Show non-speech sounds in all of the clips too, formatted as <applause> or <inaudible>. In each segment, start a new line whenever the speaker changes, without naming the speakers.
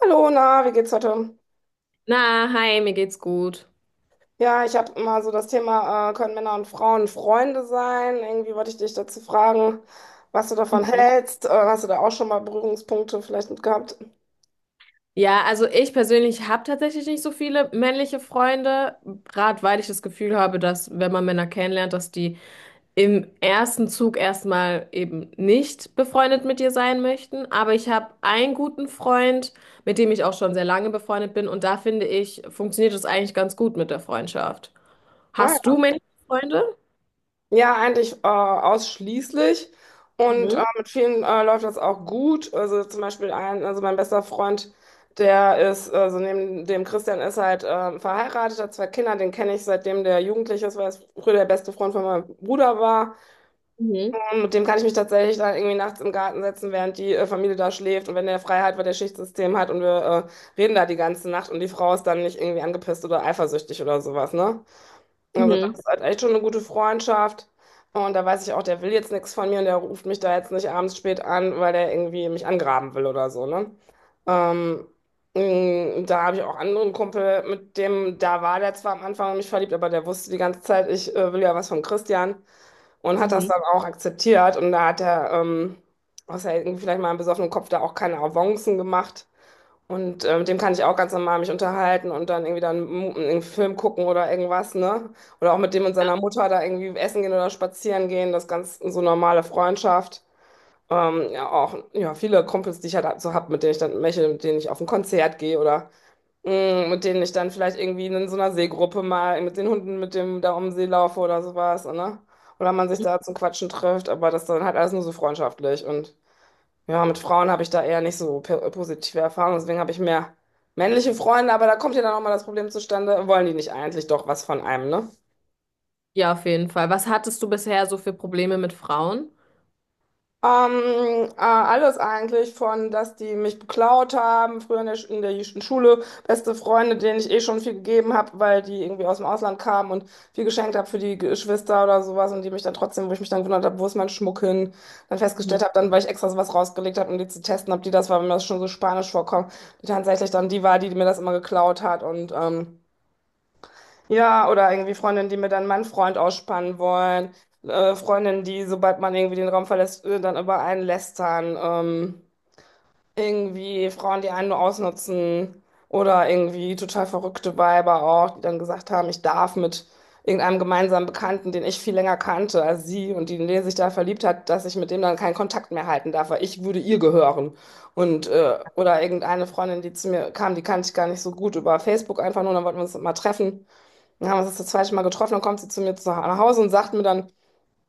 Hallo, na, wie geht's heute?
Na, hi, mir geht's gut.
Ja, ich habe mal so das Thema, können Männer und Frauen Freunde sein? Irgendwie wollte ich dich dazu fragen, was du davon
Mhm.
hältst. Hast du da auch schon mal Berührungspunkte vielleicht mit gehabt?
Ja, also ich persönlich habe tatsächlich nicht so viele männliche Freunde, gerade weil ich das Gefühl habe, dass wenn man Männer kennenlernt, dass die im ersten Zug erstmal eben nicht befreundet mit dir sein möchten. Aber ich habe einen guten Freund, mit dem ich auch schon sehr lange befreundet bin und da finde ich, funktioniert es eigentlich ganz gut mit der Freundschaft.
Ah,
Hast
ja.
du männliche Freunde?
Ja, eigentlich ausschließlich. Und
Mhm.
mit vielen läuft das auch gut. Also zum Beispiel ein, also mein bester Freund, der ist, also neben dem Christian ist halt verheiratet, hat zwei Kinder, den kenne ich seitdem der Jugendliche ist, weil er früher der beste Freund von meinem Bruder war.
Mhm.
Und mit dem kann ich mich tatsächlich dann irgendwie nachts im Garten setzen, während die Familie da schläft und wenn der frei hat, weil der Schichtsystem hat und wir reden da die ganze Nacht und die Frau ist dann nicht irgendwie angepisst oder eifersüchtig oder sowas, ne? Also das
Mhm.
ist halt echt schon eine gute Freundschaft. Und da weiß ich auch, der will jetzt nichts von mir und der ruft mich da jetzt nicht abends spät an, weil der irgendwie mich angraben will oder so, ne? Ähm, Da habe ich auch anderen Kumpel, mit dem, da war der zwar am Anfang in mich verliebt, aber der wusste die ganze Zeit, ich will ja was von Christian und hat das
Mhm.
dann auch akzeptiert. Und da hat er, außer irgendwie vielleicht mal im besoffenen Kopf, da auch keine Avancen gemacht. Und mit dem kann ich auch ganz normal mich unterhalten und dann irgendwie dann einen Film gucken oder irgendwas, ne? Oder auch mit dem und seiner Mutter da irgendwie essen gehen oder spazieren gehen. Das ist ganz so normale Freundschaft. Ja, auch ja, viele Kumpels, die ich halt so hab, mit denen ich dann meche, mit denen ich auf ein Konzert gehe oder mit denen ich dann vielleicht irgendwie in so einer Seegruppe mal mit den Hunden, mit dem da um den See laufe oder sowas, ne? Oder man sich da zum Quatschen trifft, aber das dann halt alles nur so freundschaftlich. Und ja, mit Frauen habe ich da eher nicht so positive Erfahrungen, deswegen habe ich mehr männliche Freunde, aber da kommt ja dann auch mal das Problem zustande, wollen die nicht eigentlich doch was von einem, ne?
Ja, auf jeden Fall. Was hattest du bisher so für Probleme mit Frauen?
Ähm, Alles eigentlich von, dass die mich beklaut haben, früher in der Schule, beste Freunde, denen ich eh schon viel gegeben habe, weil die irgendwie aus dem Ausland kamen und viel geschenkt habe für die Geschwister oder sowas und die mich dann trotzdem, wo ich mich dann gewundert habe, wo ist mein Schmuck hin, dann festgestellt habe, dann, weil ich extra was rausgelegt habe, um die zu testen, ob die das war, wenn mir das schon so spanisch vorkommt, die tatsächlich dann die war, die mir das immer geklaut hat und ja, oder irgendwie Freundinnen, die mir dann meinen Freund ausspannen wollen. Freundinnen, die, sobald man irgendwie den Raum verlässt, dann über einen lästern. Irgendwie Frauen, die einen nur ausnutzen. Oder irgendwie total verrückte Weiber auch, die dann gesagt haben, ich darf mit irgendeinem gemeinsamen Bekannten, den ich viel länger kannte als sie und die, in den sich da verliebt hat, dass ich mit dem dann keinen Kontakt mehr halten darf, weil ich würde ihr gehören. Oder irgendeine Freundin, die zu mir kam, die kannte ich gar nicht so gut über Facebook einfach nur, dann wollten wir uns mal treffen. Dann haben wir uns das zweite Mal getroffen, dann kommt sie zu mir nach Hause und sagt mir dann,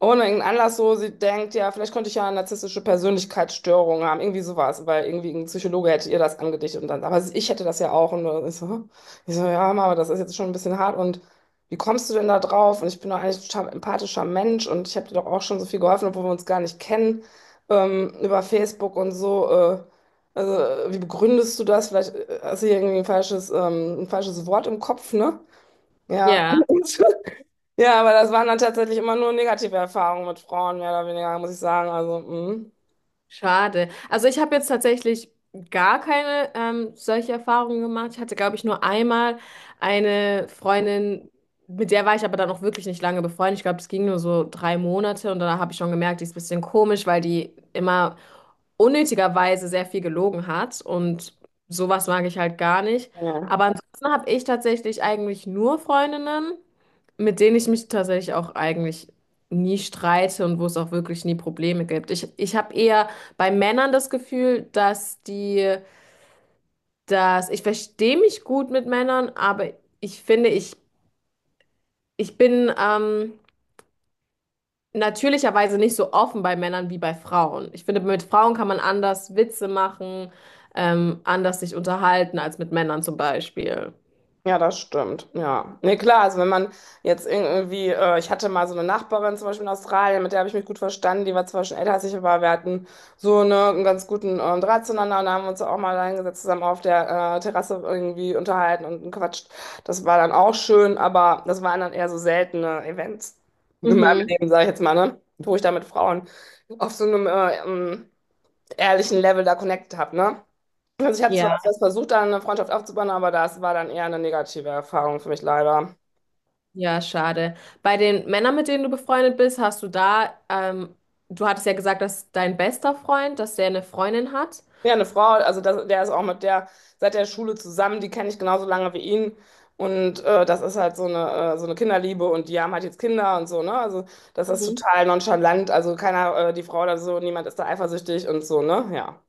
ohne irgendeinen Anlass so, sie denkt, ja, vielleicht könnte ich ja eine narzisstische Persönlichkeitsstörung haben, irgendwie sowas, weil irgendwie ein Psychologe hätte ihr das angedichtet und dann, aber ich hätte das ja auch und ich so, hä? Ich so, ja, Mama, das ist jetzt schon ein bisschen hart und wie kommst du denn da drauf? Und ich bin doch eigentlich ein total empathischer Mensch und ich habe dir doch auch schon so viel geholfen, obwohl wir uns gar nicht kennen, über Facebook und so, also, wie begründest du das? Vielleicht hast du hier irgendwie ein falsches Wort im Kopf, ne? Ja.
Ja,
Und, <laughs> ja, aber das waren dann tatsächlich immer nur negative Erfahrungen mit Frauen, mehr oder weniger, muss ich sagen. Also,
schade. Also ich habe jetzt tatsächlich gar keine solche Erfahrungen gemacht. Ich hatte, glaube ich, nur einmal eine Freundin, mit der war ich aber dann auch wirklich nicht lange befreundet. Ich glaube, es ging nur so drei Monate und da habe ich schon gemerkt, die ist ein bisschen komisch, weil die immer unnötigerweise sehr viel gelogen hat und sowas mag ich halt gar nicht.
mm.
Aber ansonsten habe ich tatsächlich eigentlich nur Freundinnen, mit denen ich mich tatsächlich auch eigentlich nie streite und wo es auch wirklich nie Probleme gibt. Ich habe eher bei Männern das Gefühl, dass die, dass ich verstehe mich gut mit Männern, aber ich finde, ich bin natürlicherweise nicht so offen bei Männern wie bei Frauen. Ich finde, mit Frauen kann man anders Witze machen, anders sich unterhalten als mit Männern zum Beispiel.
Ja, das stimmt. Ja. Nee, klar, also wenn man jetzt irgendwie, ich hatte mal so eine Nachbarin zum Beispiel in Australien, mit der habe ich mich gut verstanden, die war zwar schon älter als ich, aber wir hatten so eine, einen ganz guten Draht zueinander und da haben wir uns auch mal reingesetzt, zusammen auf der Terrasse irgendwie unterhalten und gequatscht. Das war dann auch schön, aber das waren dann eher so seltene Events in meinem
Mhm.
Leben, sage ich jetzt mal, ne? Wo ich da mit Frauen auf so einem ehrlichen Level da connected habe, ne? Also ich habe zwar
Ja.
erst was versucht, da eine Freundschaft aufzubauen, aber das war dann eher eine negative Erfahrung für mich leider.
Ja, schade. Bei den Männern, mit denen du befreundet bist, hast du da, du hattest ja gesagt, dass dein bester Freund, dass der eine Freundin hat.
Ja, eine Frau, also das, der ist auch mit der seit der Schule zusammen, die kenne ich genauso lange wie ihn. Und das ist halt so eine Kinderliebe und die haben halt jetzt Kinder und so, ne? Also das ist
Mhm.
total nonchalant. Also keiner, die Frau oder so, niemand ist da eifersüchtig und so, ne? Ja.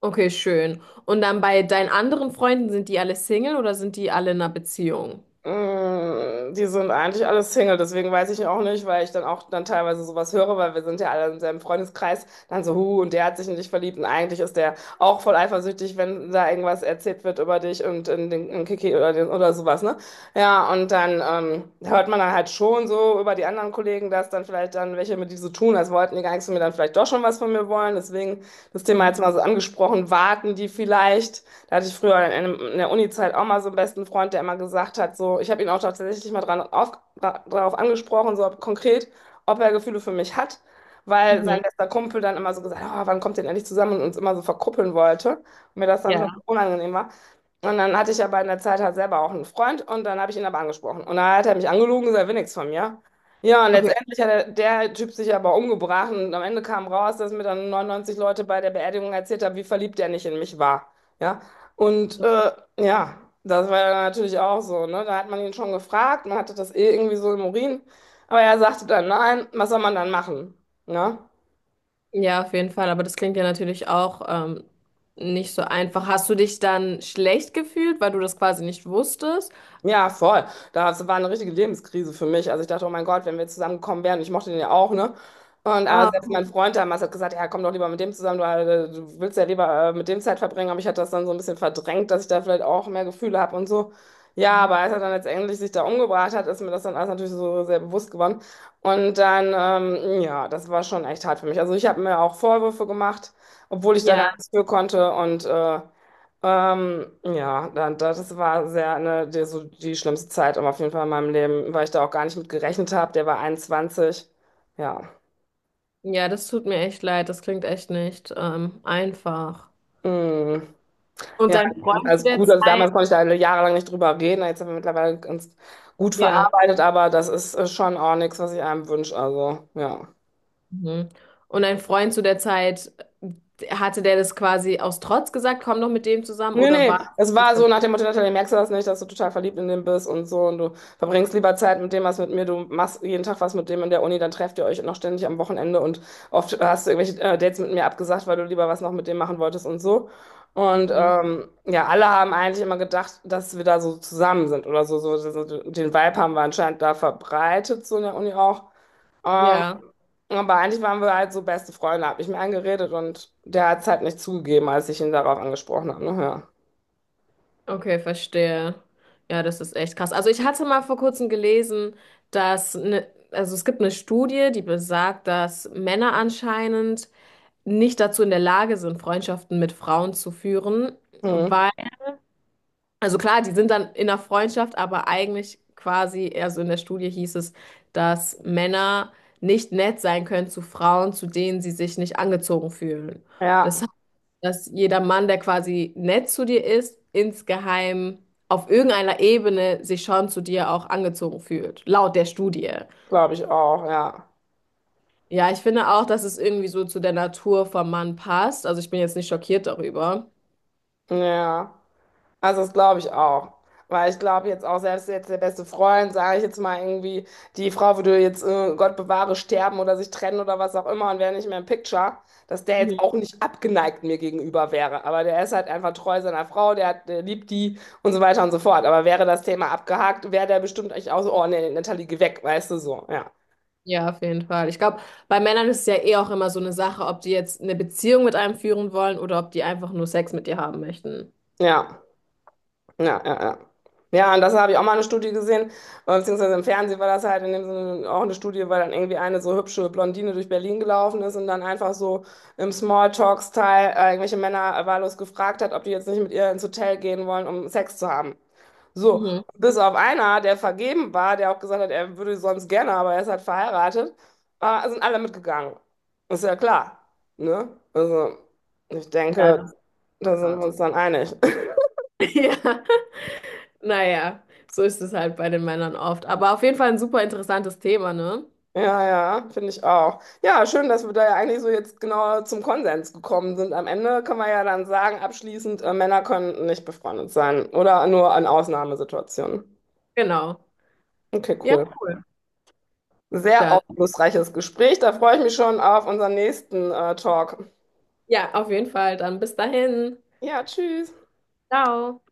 Okay, schön. Und dann bei deinen anderen Freunden, sind die alle Single oder sind die alle in einer Beziehung?
Mm, die sind eigentlich alle Single, deswegen weiß ich auch nicht, weil ich dann auch dann teilweise sowas höre, weil wir sind ja alle in seinem Freundeskreis, dann so, hu und der hat sich in dich verliebt und eigentlich ist der auch voll eifersüchtig, wenn da irgendwas erzählt wird über dich und in den in Kiki oder, den, oder sowas, ne? Ja, und dann hört man dann halt schon so über die anderen Kollegen, dass dann vielleicht dann welche mit die so tun, als wollten die gar nichts von mir, dann vielleicht doch schon was von mir wollen, deswegen das Thema
Mhm.
jetzt mal so angesprochen, warten die vielleicht? Da hatte ich früher in der Uni-Zeit auch mal so einen besten Freund, der immer gesagt hat, so, ich habe ihn auch tatsächlich mal drauf angesprochen, so ob, konkret, ob er Gefühle für mich hat, weil
Mhm.
sein bester Kumpel dann immer so gesagt hat, oh, wann kommt ihr denn endlich zusammen und uns immer so verkuppeln wollte und mir das dann schon
Ja.
so unangenehm war. Und dann hatte ich aber in der Zeit halt selber auch einen Freund und dann habe ich ihn aber angesprochen. Und dann hat er mich angelogen, gesagt, er will nichts von mir. Ja, und
Okay.
letztendlich hat der, der Typ sich aber umgebracht und am Ende kam raus, dass mir dann 99 Leute bei der Beerdigung erzählt haben, wie verliebt er nicht in mich war. Ja, und ja, das war dann natürlich auch so, ne? Da hat man ihn schon gefragt, man hatte das eh irgendwie so im Urin, aber er sagte dann nein, was soll man dann machen? Ne?
Ja, auf jeden Fall. Aber das klingt ja natürlich auch nicht so einfach. Hast du dich dann schlecht gefühlt, weil du das quasi nicht wusstest?
Ja, voll. Das war eine richtige Lebenskrise für mich. Also ich dachte, oh mein Gott, wenn wir zusammengekommen wären, ich mochte den ja auch, ne? Und
Ah.
selbst mein Freund damals hat gesagt, ja, komm doch lieber mit dem zusammen, du, du willst ja lieber mit dem Zeit verbringen, aber ich hatte das dann so ein bisschen verdrängt, dass ich da vielleicht auch mehr Gefühle habe und so. Ja,
Mhm.
aber als er dann letztendlich sich da umgebracht hat, ist mir das dann alles natürlich so sehr bewusst geworden. Und dann, ja, das war schon echt hart für mich. Also ich habe mir auch Vorwürfe gemacht, obwohl ich da gar
Ja.
nichts für konnte und ja, das war sehr eine, die, so die schlimmste Zeit aber auf jeden Fall in meinem Leben, weil ich da auch gar nicht mit gerechnet habe. Der war 21. Ja.
Ja, das tut mir echt leid. Das klingt echt nicht einfach.
Mm.
Und
Ja,
dein Freund zu
also
der
gut, also
Zeit,
damals konnte ich da jahrelang nicht drüber reden. Jetzt haben wir mittlerweile ganz gut
ja.
verarbeitet, aber das ist schon auch nichts, was ich einem wünsche. Also, ja.
Mhm. Und dein Freund zu der Zeit, hatte der das quasi aus Trotz gesagt, komm doch mit dem zusammen
Nee,
oder war
nee,
das
es
ganz
war so
gemacht?
nach dem Motto, Natalie, merkst du das nicht, dass du total verliebt in den bist und so und du verbringst lieber Zeit mit dem, was mit mir, du machst jeden Tag was mit dem in der Uni, dann trefft ihr euch noch ständig am Wochenende und oft hast du irgendwelche Dates mit mir abgesagt, weil du lieber was noch mit dem machen wolltest und so. Und
Mhm.
ja, alle haben eigentlich immer gedacht, dass wir da so zusammen sind oder den Vibe haben wir anscheinend da verbreitet, so in der Uni auch. Ähm,
Ja,
aber eigentlich waren wir halt so beste Freunde, hab ich mir eingeredet und der hat es halt nicht zugegeben, als ich ihn darauf angesprochen habe, ne? Ja.
okay, verstehe. Ja, das ist echt krass. Also ich hatte mal vor kurzem gelesen, dass ne, also es gibt eine Studie, die besagt, dass Männer anscheinend nicht dazu in der Lage sind, Freundschaften mit Frauen zu führen,
Hm.
weil, also klar, die sind dann in der Freundschaft, aber eigentlich quasi, also in der Studie hieß es, dass Männer nicht nett sein können zu Frauen, zu denen sie sich nicht angezogen fühlen.
Ja,
Das heißt, dass jeder Mann, der quasi nett zu dir ist, insgeheim auf irgendeiner Ebene sich schon zu dir auch angezogen fühlt, laut der Studie.
glaube ich auch, ja.
Ja, ich finde auch, dass es irgendwie so zu der Natur vom Mann passt. Also ich bin jetzt nicht schockiert darüber.
Ja, also das glaube ich auch. Weil ich glaube jetzt auch, selbst jetzt der beste Freund, sage ich jetzt mal irgendwie, die Frau würde jetzt, Gott bewahre, sterben oder sich trennen oder was auch immer und wäre nicht mehr im Picture, dass der jetzt auch nicht abgeneigt mir gegenüber wäre. Aber der ist halt einfach treu seiner Frau, der, hat, der liebt die und so weiter und so fort. Aber wäre das Thema abgehakt, wäre der bestimmt echt auch so, oh nee, Natalie, geh weg, weißt du so, ja.
Ja, auf jeden Fall. Ich glaube, bei Männern ist es ja eh auch immer so eine Sache, ob die jetzt eine Beziehung mit einem führen wollen oder ob die einfach nur Sex mit dir haben möchten.
Ja. Ja, ja, ja. Ja, und das habe ich auch mal eine Studie gesehen, beziehungsweise im Fernsehen war das halt in dem Sinne auch eine Studie, weil dann irgendwie eine so hübsche Blondine durch Berlin gelaufen ist und dann einfach so im Smalltalk-Style irgendwelche Männer wahllos gefragt hat, ob die jetzt nicht mit ihr ins Hotel gehen wollen, um Sex zu haben. So,
Mhm.
bis auf einer, der vergeben war, der auch gesagt hat, er würde sonst gerne, aber er ist halt verheiratet, sind alle mitgegangen. Ist ja klar, ne? Also, ich
Ja, das
denke,
ist voll
da sind wir
krass.
uns dann einig.
<laughs> Ja, naja, so ist es halt bei den Männern oft. Aber auf jeden Fall ein super interessantes Thema, ne?
Ja, ja, finde ich auch. Ja, schön, dass wir da ja eigentlich so jetzt genau zum Konsens gekommen sind. Am Ende können wir ja dann sagen, abschließend, Männer können nicht befreundet sein oder nur in Ausnahmesituationen.
Genau.
Okay,
Ja,
cool.
cool.
Sehr
Dann.
aufschlussreiches Gespräch. Da freue ich mich schon auf unseren nächsten, Talk.
Ja, auf jeden Fall. Dann bis dahin.
Ja, tschüss.
Ciao.